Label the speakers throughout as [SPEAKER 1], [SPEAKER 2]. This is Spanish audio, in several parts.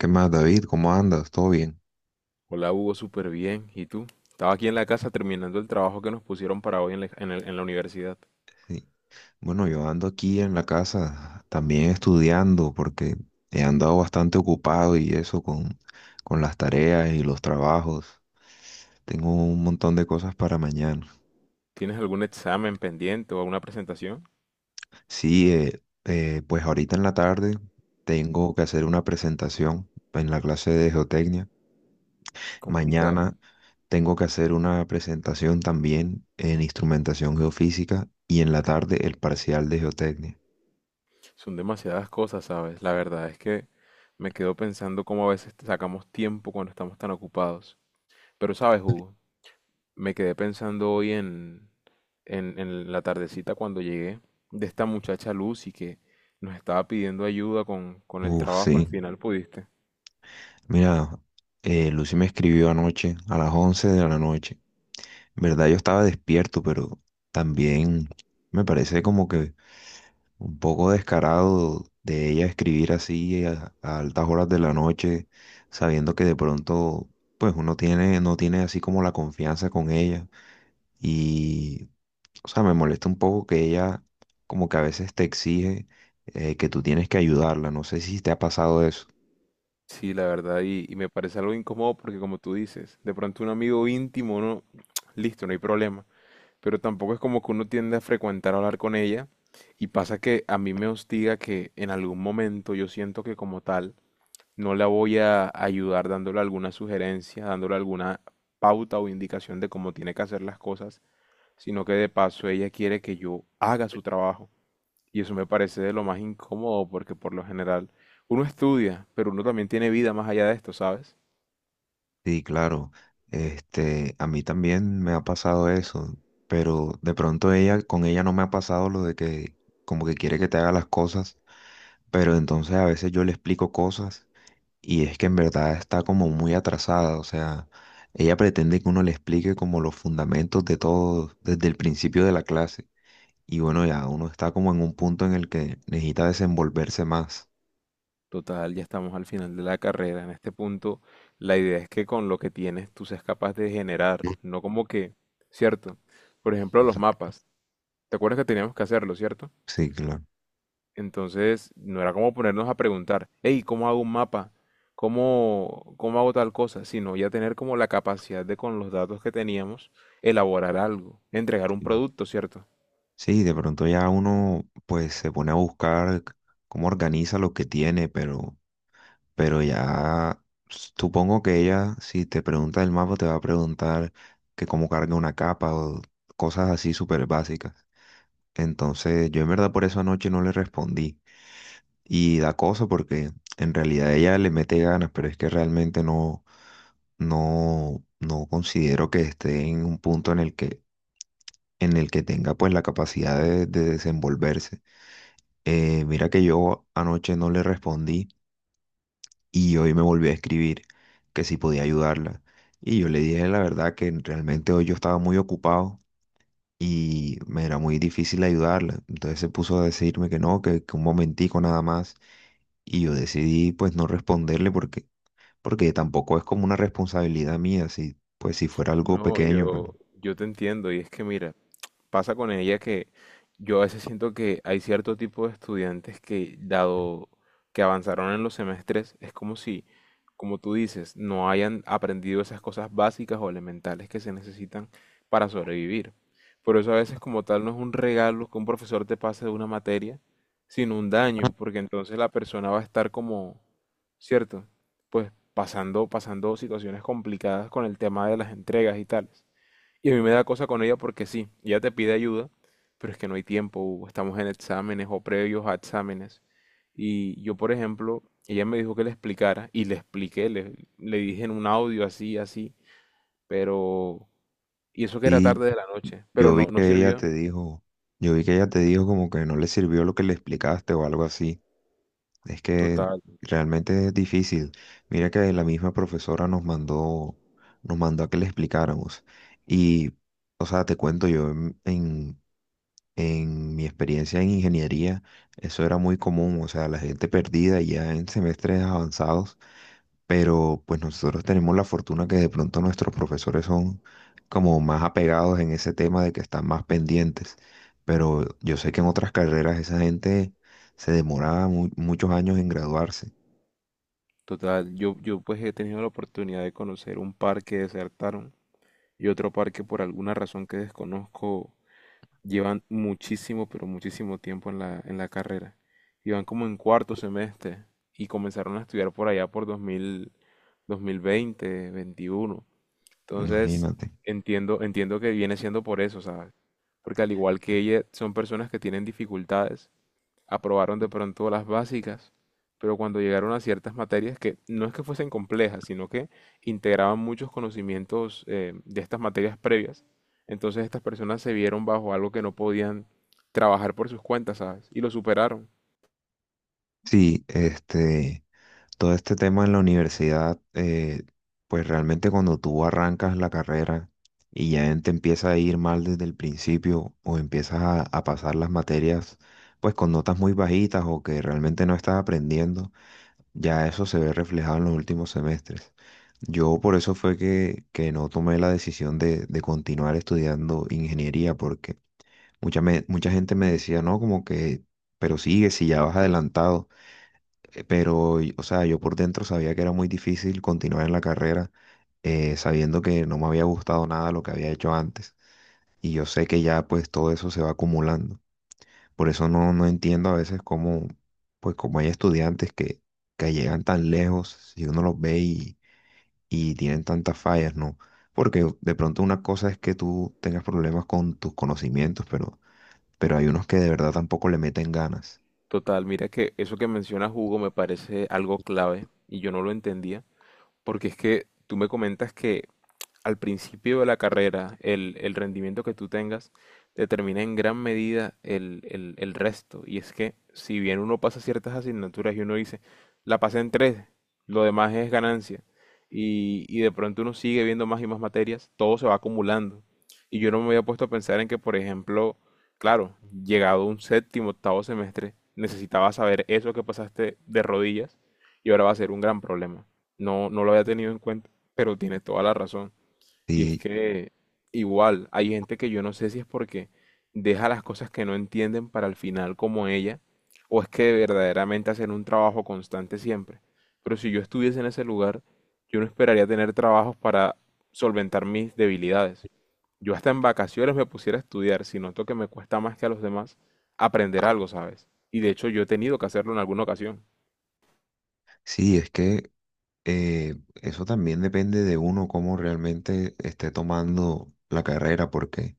[SPEAKER 1] ¿Qué más, David? ¿Cómo andas? ¿Todo bien?
[SPEAKER 2] Hola Hugo, súper bien. ¿Y tú? Estaba aquí en la casa terminando el trabajo que nos pusieron para hoy en la universidad.
[SPEAKER 1] Sí. Bueno, yo ando aquí en la casa también estudiando porque he andado bastante ocupado y eso con las tareas y los trabajos. Tengo un montón de cosas para mañana.
[SPEAKER 2] ¿Tienes algún examen pendiente o alguna presentación?
[SPEAKER 1] Sí, pues ahorita en la tarde tengo que hacer una presentación en la clase de geotecnia.
[SPEAKER 2] Complicado.
[SPEAKER 1] Mañana tengo que hacer una presentación también en instrumentación geofísica y en la tarde el parcial de geotecnia.
[SPEAKER 2] Son demasiadas cosas, ¿sabes? La verdad es que me quedo pensando cómo a veces sacamos tiempo cuando estamos tan ocupados. Pero sabes, Hugo, me quedé pensando hoy en la tardecita cuando llegué de esta muchacha Lucy que nos estaba pidiendo ayuda con el
[SPEAKER 1] Uf, sí.
[SPEAKER 2] trabajo. Al final pudiste.
[SPEAKER 1] Mira, Lucy me escribió anoche a las 11 de la noche. En verdad yo estaba despierto, pero también me parece como que un poco descarado de ella escribir así a altas horas de la noche, sabiendo que de pronto pues uno tiene, no tiene así como la confianza con ella. Y, o sea, me molesta un poco que ella como que a veces te exige que tú tienes que ayudarla. No sé si te ha pasado eso.
[SPEAKER 2] Sí, la verdad, y me parece algo incómodo porque como tú dices, de pronto un amigo íntimo, no, listo, no hay problema, pero tampoco es como que uno tiende a frecuentar hablar con ella y pasa que a mí me hostiga que en algún momento yo siento que como tal no la voy a ayudar dándole alguna sugerencia, dándole alguna pauta o indicación de cómo tiene que hacer las cosas, sino que de paso ella quiere que yo haga su trabajo. Y eso me parece de lo más incómodo porque por lo general uno estudia, pero uno también tiene vida más allá de esto, ¿sabes?
[SPEAKER 1] Sí, claro. Este, a mí también me ha pasado eso, pero de pronto ella, con ella no me ha pasado lo de que como que quiere que te haga las cosas, pero entonces a veces yo le explico cosas y es que en verdad está como muy atrasada, o sea, ella pretende que uno le explique como los fundamentos de todo desde el principio de la clase y bueno, ya uno está como en un punto en el que necesita desenvolverse más.
[SPEAKER 2] Total, ya estamos al final de la carrera. En este punto, la idea es que con lo que tienes tú seas capaz de generar, no como que, ¿cierto? Por ejemplo, los
[SPEAKER 1] Exacto.
[SPEAKER 2] mapas. ¿Te acuerdas que teníamos que hacerlo, cierto?
[SPEAKER 1] Sí, claro.
[SPEAKER 2] Entonces, no era como ponernos a preguntar, hey, ¿cómo hago un mapa? ¿Cómo hago tal cosa? Sino ya tener como la capacidad de con los datos que teníamos, elaborar algo, entregar un producto, ¿cierto?
[SPEAKER 1] Sí, de pronto ya uno pues se pone a buscar cómo organiza lo que tiene, pero ya supongo que ella, si te pregunta el mapa, te va a preguntar que cómo carga una capa o cosas así súper básicas. Entonces, yo en verdad por eso anoche no le respondí. Y da cosa porque en realidad ella le mete ganas, pero es que realmente no considero que esté en un punto en en el que tenga pues la capacidad de desenvolverse. Mira que yo anoche no le respondí y hoy me volvió a escribir que si podía ayudarla. Y yo le dije la verdad que realmente hoy yo estaba muy ocupado y me era muy difícil ayudarla. Entonces se puso a decirme que no, que un momentico nada más. Y yo decidí pues no responderle porque tampoco es como una responsabilidad mía, si, pues si fuera algo
[SPEAKER 2] No,
[SPEAKER 1] pequeño, pero
[SPEAKER 2] yo te entiendo y es que mira, pasa con ella que yo a veces siento que hay cierto tipo de estudiantes que, dado que avanzaron en los semestres, es como si, como tú dices, no hayan aprendido esas cosas básicas o elementales que se necesitan para sobrevivir. Por eso a veces como tal no es un regalo que un profesor te pase de una materia, sino un daño, porque entonces la persona va a estar como, ¿cierto? Pues pasando, pasando situaciones complicadas con el tema de las entregas y tales. Y a mí me da cosa con ella porque sí, ella te pide ayuda, pero es que no hay tiempo, Hugo. Estamos en exámenes o previos a exámenes. Y yo, por ejemplo, ella me dijo que le explicara y le expliqué, le dije en un audio así, así, pero... Y eso que era
[SPEAKER 1] y
[SPEAKER 2] tarde de la noche, pero
[SPEAKER 1] yo vi
[SPEAKER 2] no, no
[SPEAKER 1] que ella
[SPEAKER 2] sirvió. Ok.
[SPEAKER 1] te dijo, yo vi que ella te dijo como que no le sirvió lo que le explicaste o algo así. Es que
[SPEAKER 2] Total,
[SPEAKER 1] realmente es difícil. Mira que la misma profesora nos mandó a que le explicáramos. Y, o sea, te cuento yo, en mi experiencia en ingeniería, eso era muy común, o sea, la gente perdida ya en semestres avanzados, pero pues nosotros tenemos la fortuna que de pronto nuestros profesores son como más apegados en ese tema de que están más pendientes. Pero yo sé que en otras carreras esa gente se demoraba muchos años en graduarse.
[SPEAKER 2] total. Yo pues he tenido la oportunidad de conocer un par que desertaron y otro par que por alguna razón que desconozco llevan muchísimo, pero muchísimo tiempo en la carrera. Iban como en cuarto semestre y comenzaron a estudiar por allá por 2000, 2020, 21. Entonces,
[SPEAKER 1] Imagínate.
[SPEAKER 2] entiendo que viene siendo por eso, ¿sabes? Porque al igual que ella, son personas que tienen dificultades, aprobaron de pronto las básicas, pero cuando llegaron a ciertas materias que no es que fuesen complejas, sino que integraban muchos conocimientos, de estas materias previas, entonces estas personas se vieron bajo algo que no podían trabajar por sus cuentas, ¿sabes? Y lo superaron.
[SPEAKER 1] Sí, este, todo este tema en la universidad, pues realmente cuando tú arrancas la carrera y ya te empieza a ir mal desde el principio o empiezas a pasar las materias, pues con notas muy bajitas o que realmente no estás aprendiendo, ya eso se ve reflejado en los últimos semestres. Yo por eso fue que no tomé la decisión de continuar estudiando ingeniería porque mucha gente me decía, no, como que, pero sigue si ya vas adelantado. Pero, o sea, yo por dentro sabía que era muy difícil continuar en la carrera, sabiendo que no me había gustado nada lo que había hecho antes. Y yo sé que ya pues todo eso se va acumulando. Por eso no entiendo a veces cómo, pues como hay estudiantes que llegan tan lejos, si uno los ve y tienen tantas fallas, ¿no? Porque de pronto una cosa es que tú tengas problemas con tus conocimientos, pero hay unos que de verdad tampoco le meten ganas.
[SPEAKER 2] Total, mira que eso que menciona Hugo, me parece algo clave y yo no lo entendía, porque es que tú me comentas que al principio de la carrera, el rendimiento que tú tengas determina en gran medida el resto. Y es que si bien uno pasa ciertas asignaturas y uno dice, la pasé en tres, lo demás es ganancia, y de pronto uno sigue viendo más y más materias, todo se va acumulando. Y yo no me había puesto a pensar en que, por ejemplo, claro, llegado un séptimo, octavo semestre, necesitaba saber eso que pasaste de rodillas y ahora va a ser un gran problema. No, no lo había tenido en cuenta, pero tiene toda la razón. Y es
[SPEAKER 1] Y
[SPEAKER 2] que igual hay gente que yo no sé si es porque deja las cosas que no entienden para el final como ella, o es que verdaderamente hacen un trabajo constante siempre. Pero si yo estuviese en ese lugar, yo no esperaría tener trabajos para solventar mis debilidades. Yo hasta en vacaciones me pusiera a estudiar si noto que me cuesta más que a los demás aprender algo, ¿sabes? Y de hecho yo he tenido que hacerlo en alguna ocasión.
[SPEAKER 1] sí, es que eh, eso también depende de uno cómo realmente esté tomando la carrera, porque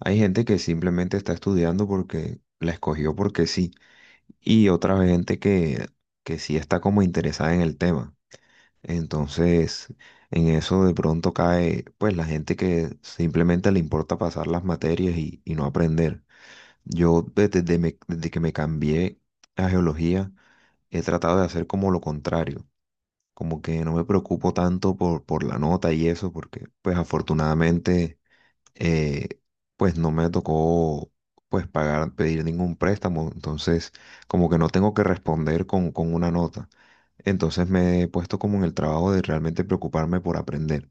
[SPEAKER 1] hay gente que simplemente está estudiando porque la escogió porque sí, y otra gente que sí está como interesada en el tema. Entonces, en eso de pronto cae, pues, la gente que simplemente le importa pasar las materias y no aprender. Yo desde que me cambié a geología, he tratado de hacer como lo contrario como que no me preocupo tanto por la nota y eso, porque pues afortunadamente eh, pues no me tocó pagar, pedir ningún préstamo, entonces como que no tengo que responder con una nota. Entonces me he puesto como en el trabajo de realmente preocuparme por aprender.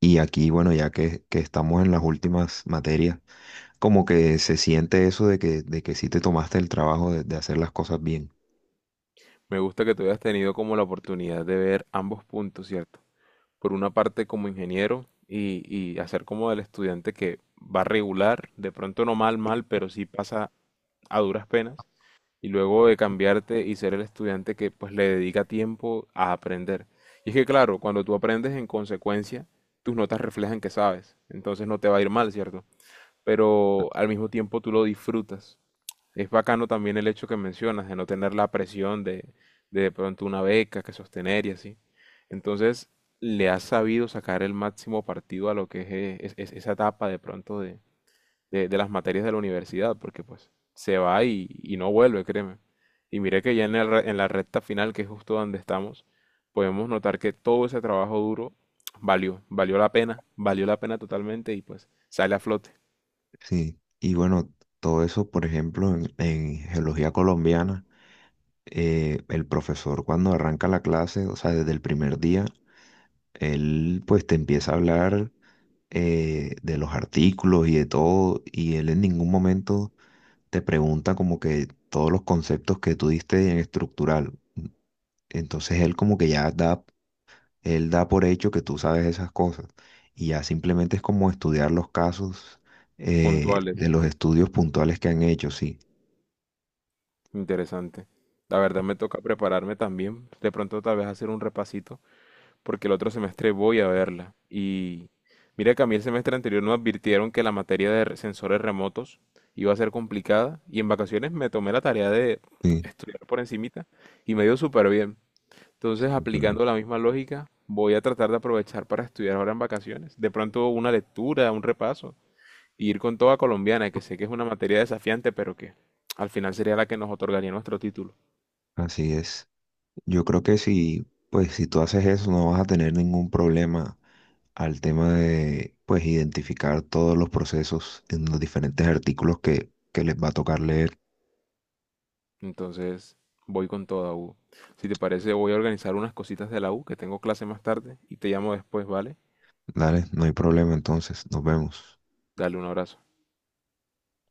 [SPEAKER 1] Y aquí, bueno, ya que estamos en las últimas materias, como que se siente eso de de que sí te tomaste el trabajo de hacer las cosas bien.
[SPEAKER 2] Me gusta que tú hayas tenido como la oportunidad de ver ambos puntos, ¿cierto? Por una parte como ingeniero y hacer como del estudiante que va regular, de pronto no mal, mal, pero sí pasa a duras penas, y luego de cambiarte y ser el estudiante que pues le dedica tiempo a aprender. Y es que claro, cuando tú aprendes en consecuencia, tus notas reflejan que sabes, entonces no te va a ir mal, ¿cierto? Pero al mismo tiempo tú lo disfrutas, es bacano también el hecho que mencionas de no tener la presión de de pronto una beca que sostener y así. Entonces, le has sabido sacar el máximo partido a lo que es, esa etapa de pronto de las materias de la universidad, porque pues se va y no vuelve, créeme. Y mire que ya en la recta final, que es justo donde estamos, podemos notar que todo ese trabajo duro valió la pena totalmente y pues sale a flote,
[SPEAKER 1] Sí, y bueno, todo eso, por ejemplo, en geología colombiana, el profesor cuando arranca la clase, o sea, desde el primer día, él pues te empieza a hablar de los artículos y de todo, y él en ningún momento te pregunta como que todos los conceptos que tú diste en estructural. Entonces él como que ya da, él da por hecho que tú sabes esas cosas, y ya simplemente es como estudiar los casos de
[SPEAKER 2] puntuales.
[SPEAKER 1] los estudios puntuales que han hecho, sí.
[SPEAKER 2] Interesante. La verdad me toca prepararme también, de pronto tal vez hacer un repasito, porque el otro semestre voy a verla. Y mira que a mí el semestre anterior nos advirtieron que la materia de sensores remotos iba a ser complicada y en vacaciones me tomé la tarea de
[SPEAKER 1] Sí,
[SPEAKER 2] estudiar por encimita y me dio súper bien. Entonces,
[SPEAKER 1] sí, claro.
[SPEAKER 2] aplicando la misma lógica, voy a tratar de aprovechar para estudiar ahora en vacaciones. De pronto una lectura, un repaso, y ir con toda colombiana, que sé que es una materia desafiante, pero que al final sería la que nos otorgaría nuestro título.
[SPEAKER 1] Así es. Yo creo que si, pues, si tú haces eso, no vas a tener ningún problema al tema de, pues, identificar todos los procesos en los diferentes artículos que les va a tocar leer.
[SPEAKER 2] Entonces, voy con toda U. Si te parece, voy a organizar unas cositas de la U, que tengo clase más tarde, y te llamo después, ¿vale?
[SPEAKER 1] Dale, no hay problema entonces. Nos vemos.
[SPEAKER 2] Dale un abrazo.